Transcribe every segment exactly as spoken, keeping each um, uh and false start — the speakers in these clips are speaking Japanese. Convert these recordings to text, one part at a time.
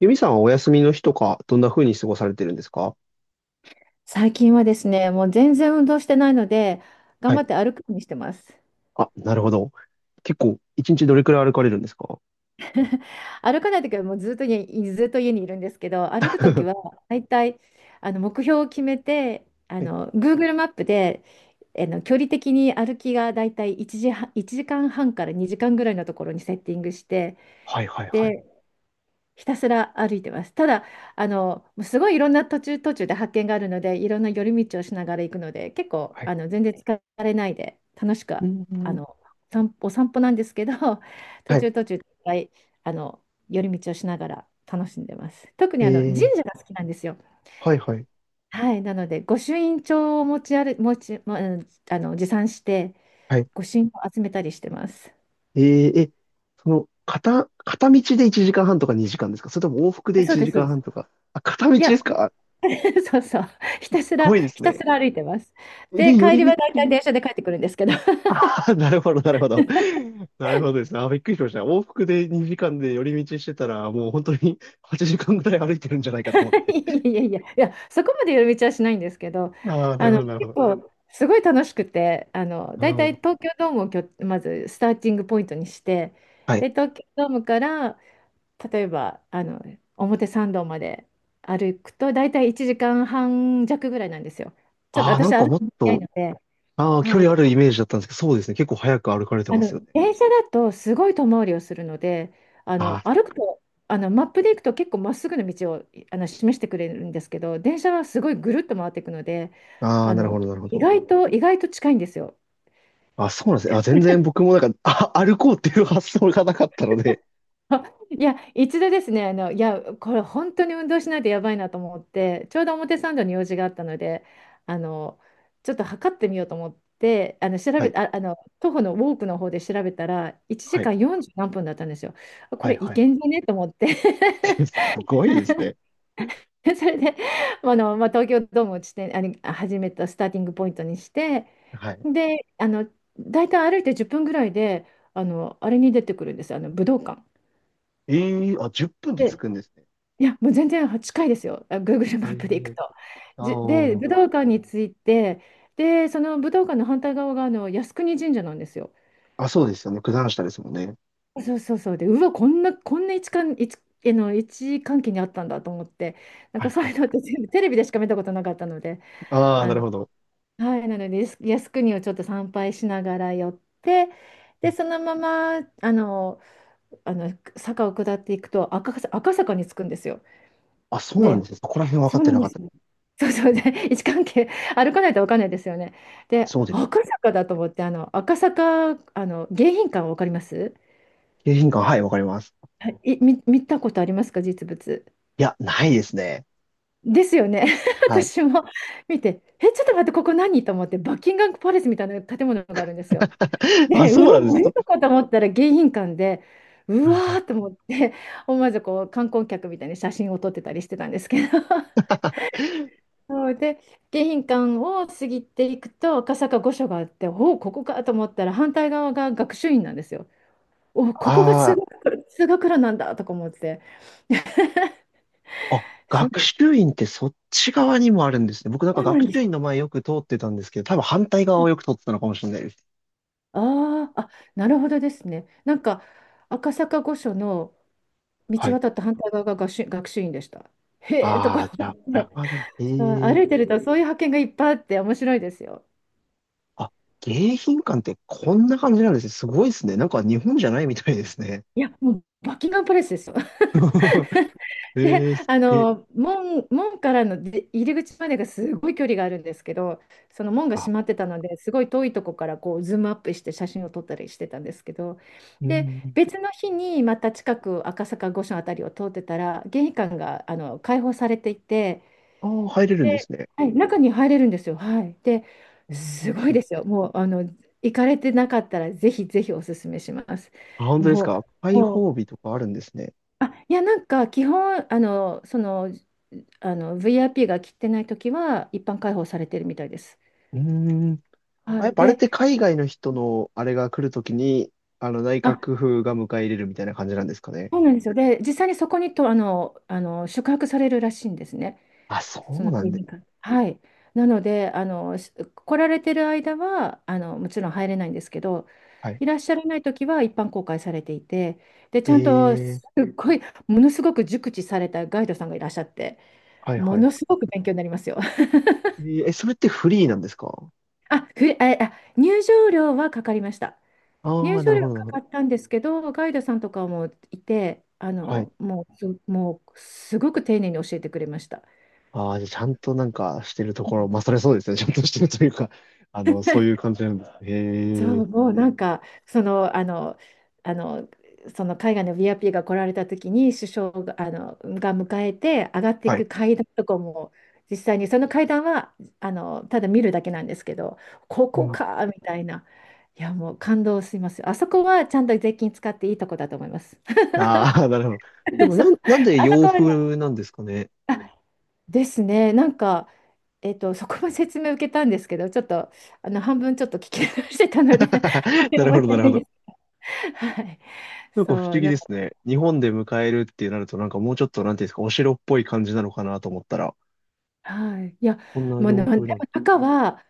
ユミさんはお休みの日とか、どんな風に過ごされてるんですか？最近はですね、もう全然運動してないので、頑はい。張って歩くようにしてます。あ、なるほど。結構、一日どれくらい歩かれるんですか？ 歩かないときはもうずっと家に、ずっと家にいるんですけど、歩くときはは大体あの目標を決めて、あいの Google マップであの距離的に歩きが大体いちじはん、いちじかんはんからにじかんぐらいのところにセッティングして、はいはいはい。で、ひたすら歩いてます。ただ、あの、もうすごいいろんな途中途中で発見があるので、いろんな寄り道をしながら行くので、結構、はい。あの、全然疲れないで、楽しく、うあん。の、散歩、お散歩なんですけど、途はい。中途中、いっぱい、あの、寄り道をしながら楽しんでます。特えに、あの、神ー、社が好きなんですよ。はいはい。はい。なので、御朱印帳を持ち歩、持ち、もあの、持参して、はい。御朱印を集めたりしてます。えー、え、その、片、片道でいちじかんはんとかにじかんですか？それとも往復でそう1です、そう時で間半す。とか。あ、片道いでや、すもか？すう、 そうそう。ひたすら、ごいですひたね。すら歩いてます。で、で、寄帰りりは道。大体電車で帰ってくるんですけど。あー、なるほど、なるほど。なるほどですね。あー、びっくりしました。往復でにじかんで寄り道してたら、もう本当にはちじかんぐらい歩いてるんじゃないかと思って。いやいやいや、いや、そこまで寄り道はしないんですけど、ああ、なあるほの、ど、なるほ結ど。構、すごい楽しくて、あの、あ大体ー、東京ドームをきょ、まずスターティングポイントにして、はい。で、東京ドームから、例えば、あの、表参道まで歩くと、大体いちじかんはん弱ぐらいなんですよ。ちょっとああ、な私んはか歩もくっの早いと、ので。ああ、距は離あるい。イメージだったんですけど、そうですね。結構早く歩かれてあますよの、ね。電車だとすごい遠回りをするので、あの、あ歩くと、あの、マップで行くと結構まっすぐの道をあの示してくれるんですけど、電車はすごいぐるっと回っていくので、あ、ああ、あなるほの、ど、なるほ意ど。外と、意外と近いんですよ。あ、そうなんですね。あ、全然僕もなんか、あ、歩こうっていう発想がなかったので。あいや、一度ですね、あの、いや、これ本当に運動しないとやばいなと思って、ちょうど表参道に用事があったので、あの、ちょっと測ってみようと思って、あの、調はべい、た、あ、あの、徒歩のウォークの方で調べたら、1は時い、間よんじゅう何分だったんですよ。こはい、れいはい。けんじゃねと思って。 すごいですね。それで、あの、まあ、東京ドームを地点、あれ、始めたスターティングポイントにして、はい。で、あの、大体歩いてじゅっぷんぐらいで、あの、あれに出てくるんです、あの、武道館。ええ、あ、じゅっぷんで着で、くんですね。いや、もう全然近いですよ、あ Google えマップで行くえ、と。あじ、で、あ、武道館に着いて、で、その武道館の反対側が、あの、靖国神社なんですよ。あ、そうですよね。九段下ですもんね。そうそうそう。で、うわ、こんな、こんな位置関、位置、あの、位置関係にあったんだと思って、なんはいかそうはい。いうのって全部テレビでしか見たことなかったので。ああ、あなるのほど。はい、なので、靖靖国をちょっと参拝しながら寄って、で、ね、そのまま、あの、あの、坂を下っていくと赤坂、赤坂に着くんですよ。あ、そうなんで、ですね。そこら辺分かそっうなてなんかでっすた。よ。そうそう、で、位置関係、歩かないと分かんないですよね。で、そうです。赤坂だと思って、あの、赤坂、あの、迎賓館分かります？景品館、はい、わかります。はい、い見、見たことありますか、実物。いや、ないですね。ですよね。はい。私も見て、え、ちょっと待って、ここ何と思って、バッキンガムパレスみたいな建物があるんですよ。あ、で、うそわ、うなんです。何はとかと思ったら迎賓館で、いうわはい。ーと思って、思わずこう観光客みたいに写真を撮ってたりしてたんですけど、そうで、迎賓館を過ぎていくと、赤坂御所があって、おお、ここかと思ったら、反対側が学習院なんですよ。おお、ここが通あ学路、通学路なんだとか思って、あ、あ、す学ごい、習院ってそっち側にもあるんですね。僕なんかあ、な学んです。習院の前よく通ってたんですけど、多分反対側をよく通ってたのかもしれないです。あーあ、なるほどですね。なんか、赤坂御所のは道い。渡った反対側が学習、学習院でした。へえとああ、かじゃ思あ、って。裏側なの。うん、へえ。歩いてるとそういう発見がいっぱいあって面白いですよ。あ、迎賓館ってこんな感じなんですね。すごいですね。なんか日本じゃないみたいですね。いや、もうバッキンガムパレスですよ。え で、ー、すあげえ。の、門、門からの出入り口までがすごい距離があるんですけど、その門があ、閉まってたので、すごい遠いとこからこうズームアップして写真を撮ったりしてたんですけど、うで、ん。別の日にまた近く赤坂御所あたりを通ってたら、迎賓館があの開放されていて、ああ、入れるんでで、すね。はい、中に入れるんですよ。はい。で、こういすうご日いも。ですよ。もう、あの、行かれてなかったら、ぜひぜひおすすめします。あ、本当ですもか？う、開も放う、日とかあるんですね。あ、いや、なんか、基本、あの、その、あの、ブイアイピー が切ってないときは、一般開放されてるみたいです。うーん。あ、はやっい。ぱあれっで、て海外の人のあれが来るときに、あの、内あ、閣府が迎え入れるみたいな感じなんですかね。そうなんですよ。で、実際にそこにと、あの、あの、宿泊されるらしいんですね。あ、そそうのなん製で。品館。はい。なので、あの、し来られてる間は、あの、もちろん入れないんですけど、はい。いらっしゃらない時は一般公開されていて、で、ちゃんと、ええ、すっごい、ものすごく熟知されたガイドさんがいらっしゃって、はいもはいのはすごく勉強になりますよ。い。えー、えそれってフリーなんですか？あ、ふれ、あ、あ入場料はかかりました。あ入あー、な場る料ほど、なるかほかど。ったんですけど、ガイドさんとかもいて、あはい。の、もう、すもう、すごく丁寧に教えてくれました。ああ、じゃあちゃんとなんかしてるところ、まあ、それそうですね。ちゃんとしてるというか、あの、そういう感じなんですね。そへえ。う、もうなんか、その、あの、あの、その海外の ブイアイピー が来られた時に首相が、あの、が迎えて上がっていはい。く階段とかも、実際にその階段はあのただ見るだけなんですけど、ここかみたいな。いや、もう感動します。あそこはちゃんと税金使っていいとこだと思います。 ああ、なるほど。で もそなう、ん、なんであそ洋こはね、風なんですかね。あ、ですね、なんか、えっとそこも説明受けたんですけど、ちょっとあの半分ちょっと聞き流してたので、 な あんるまほりど、な覚えてるほないど。です。はい。なんか不そ思う、議ででも、すね。日本で迎えるってなると、なんかもうちょっと、なんていうんですか、お城っぽい感じなのかなと思ったら、はい。いや、こんなもうな、洋でも風なの。中は、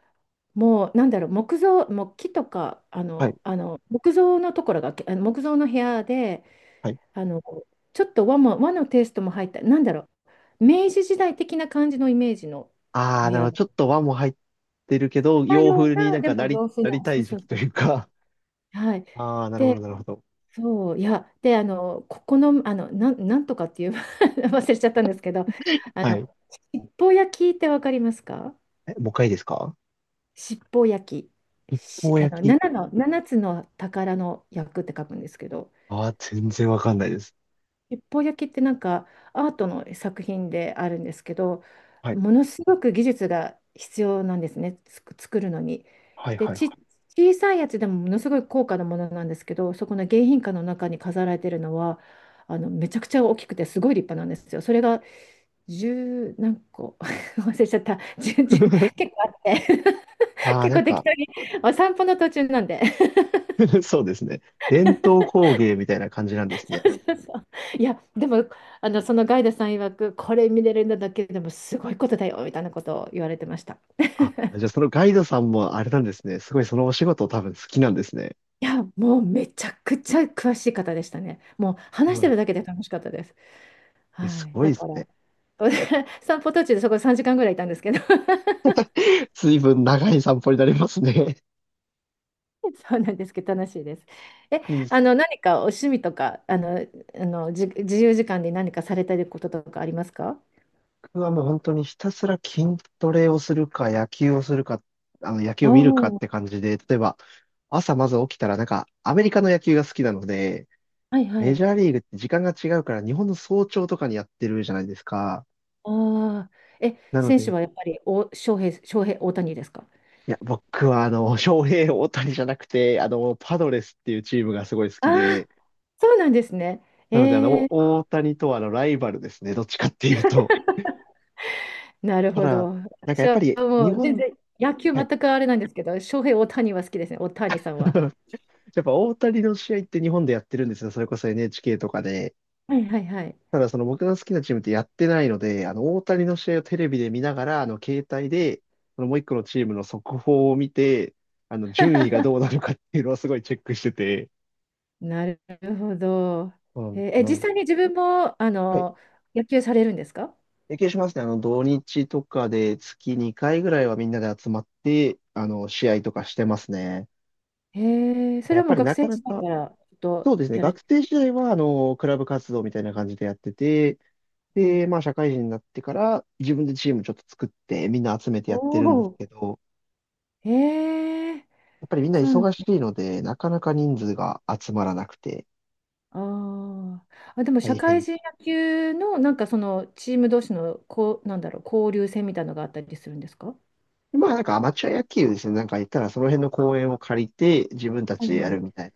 もう、なんだろう、木造、木木とか、あはい、の、あの、木造のところが、あの木造の部屋で、はい。あの、ちょっと和も、和のテイストも入った、なんだろう、明治時代的な感じのイメージのおああ、部なるほ屋ど。が、ちょっと和も入ってるけど、た洋よう風にな、なんでかなもり、洋風なりな、たそういそ時う期とそういうそか。う。はい。ああ、なるほで、ど、なるほど。そう、いや、で、あの、ここの、あの、なん、なんとかっていう 忘れちゃったんですけど、あはい。の、七宝焼きってわかりますか？え、もう一回いいですか？七宝焼き、こし、うあの、焼き。7の、ななつの宝の焼くって書くんですけど、ああ、全然わかんないです。七宝焼きってなんかアートの作品であるんですけど、はい、ものすごく技術が必要なんですね、つく作るのに。はい、で、はち、い。小さいやつでもものすごい高価なものなんですけど、そこの迎賓館の中に飾られてるのは、あのめちゃくちゃ大きくてすごい立派なんですよ。それが十何個、 忘れちゃった。じゅう 結はい、構あって。 ああ、結なん構適か。 当にお散歩の途中なんで。 そうですね。伝統工芸みたいな感じなんですね。いや、でも、あの、そのガイドさん曰く、これ見れるんだだけでもすごいことだよ、みたいなことを言われてました。あ、じゃあ そのガイドさんもあれなんですね。すごいそのお仕事多分好きなんですね。いや、もうめちゃくちゃ詳しい方でしたね。もうそ話しうてなん、るだけで楽しかったです。え、はすい。ごだいでかすら、ね。散歩途中でそこさんじかんぐらいいたんですけど。 随分長い散歩になりますね。そうなんですけど、楽しいです。え、いいっあす。の、何かお趣味とか、あの、あの、じ、自由時間で何かされたいこととかありますか？僕はもう本当にひたすら筋トレをするか、野球をするか、あの野球おを見るかっおー、て感じで、例えば朝まず起きたらなんかアメリカの野球が好きなので、はいはメジい。ャーリーグって時間が違うから日本の早朝とかにやってるじゃないですか。ああ、え、なの選手で、はやっぱりお、翔平、翔平、大谷ですか？いや、僕はあの、翔平大谷じゃなくて、あの、パドレスっていうチームがすごい好あきあ、で、そうなんですね。なので、あの、えー、お大谷とはあの、ライバルですね。どっちかっていうと。なるたほだ、ど。なんかや私っぱはり、も日う全本、然野球は全い。くあれなんですけど、翔平、大谷は好きですね、大谷さんは。やっぱ大谷の試合って日本でやってるんですよ。それこそ エヌエイチケー とかで。はいはいはい。ただ、その僕の好きなチームってやってないので、あの、大谷の試合をテレビで見ながら、あの、携帯で、そのもう一個のチームの速報を見て、あの、順位がどうなのかっていうのをすごいチェックしてて。なるほど。うえんーえう実ん、際に自分もあはい。の野球されるんですか？経験しますね。あの、土日とかで月にかいぐらいはみんなで集まって、あの、試合とかしてますね。えーそやれっはもぱうり学なか生な時代か、からちょっとそうですね、やれ学て。生時代は、あの、クラブ活動みたいな感じでやってて、はい、で、まあ、社会人になってから、自分でチームちょっと作って、みんな集めておやってるんですお、けど、えー、やっぱりみんなそう、忙しいので、なかなか人数が集まらなくて、あーあ、でも大社会変。人野球のなんかそのチーム同士のこう、なんだろう、交流戦みたいなのがあったりするんですか？まあ、なんかアマチュア野球ですね、なんか言ったら、その辺の公園を借りて、自分たはちいではやるみい。たいな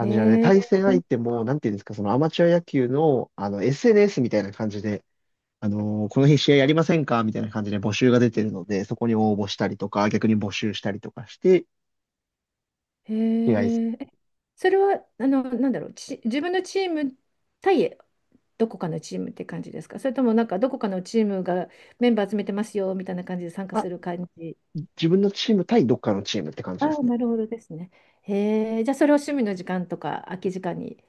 へじなので、対え、戦相手も、なんていうんですか、そのアマチュア野球の、あの、エスエヌエス みたいな感じで、あのーこの日試合やりませんか？みたいな感じで募集が出てるので、そこに応募したりとか、逆に募集したりとかして、へ試合する。ーえ、それは、あの、なんだろう、ち、自分のチーム対どこかのチームって感じですか？それともなんかどこかのチームがメンバー集めてますよみたいな感じで参加あ、する感じ。自分のチーム対どっかのチームって感じであすあ、ね。なるほどですね。へえ、じゃあそれを趣味の時間とか空き時間に。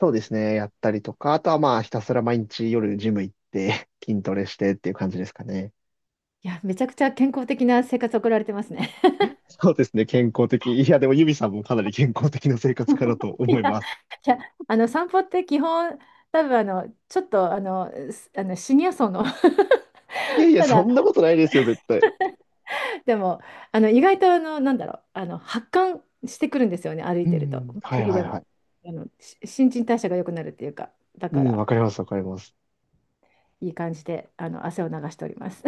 そうですね。やったりとか、あとはまあ、ひたすら毎日夜ジム行って、筋トレしてっていう感じですかね。いや、めちゃくちゃ健康的な生活を送られてますね。そうですね。健康的。いや、でもユミさんもかなり健康的な生活かなとい思いや、ます。いや、あの散歩って基本、多分あのちょっとあのすあのシニア層の。 いやいや、たそだんなことないですよ、絶対。でも、あの意外と、あのなんだろう、あの発汗してくるんですよね、歩ういてると。ん。はい冬はいでもはい。あのし新陳代謝が良くなるっていうか、だうかん、らわかります、わかります。いい感じであの汗を流しております。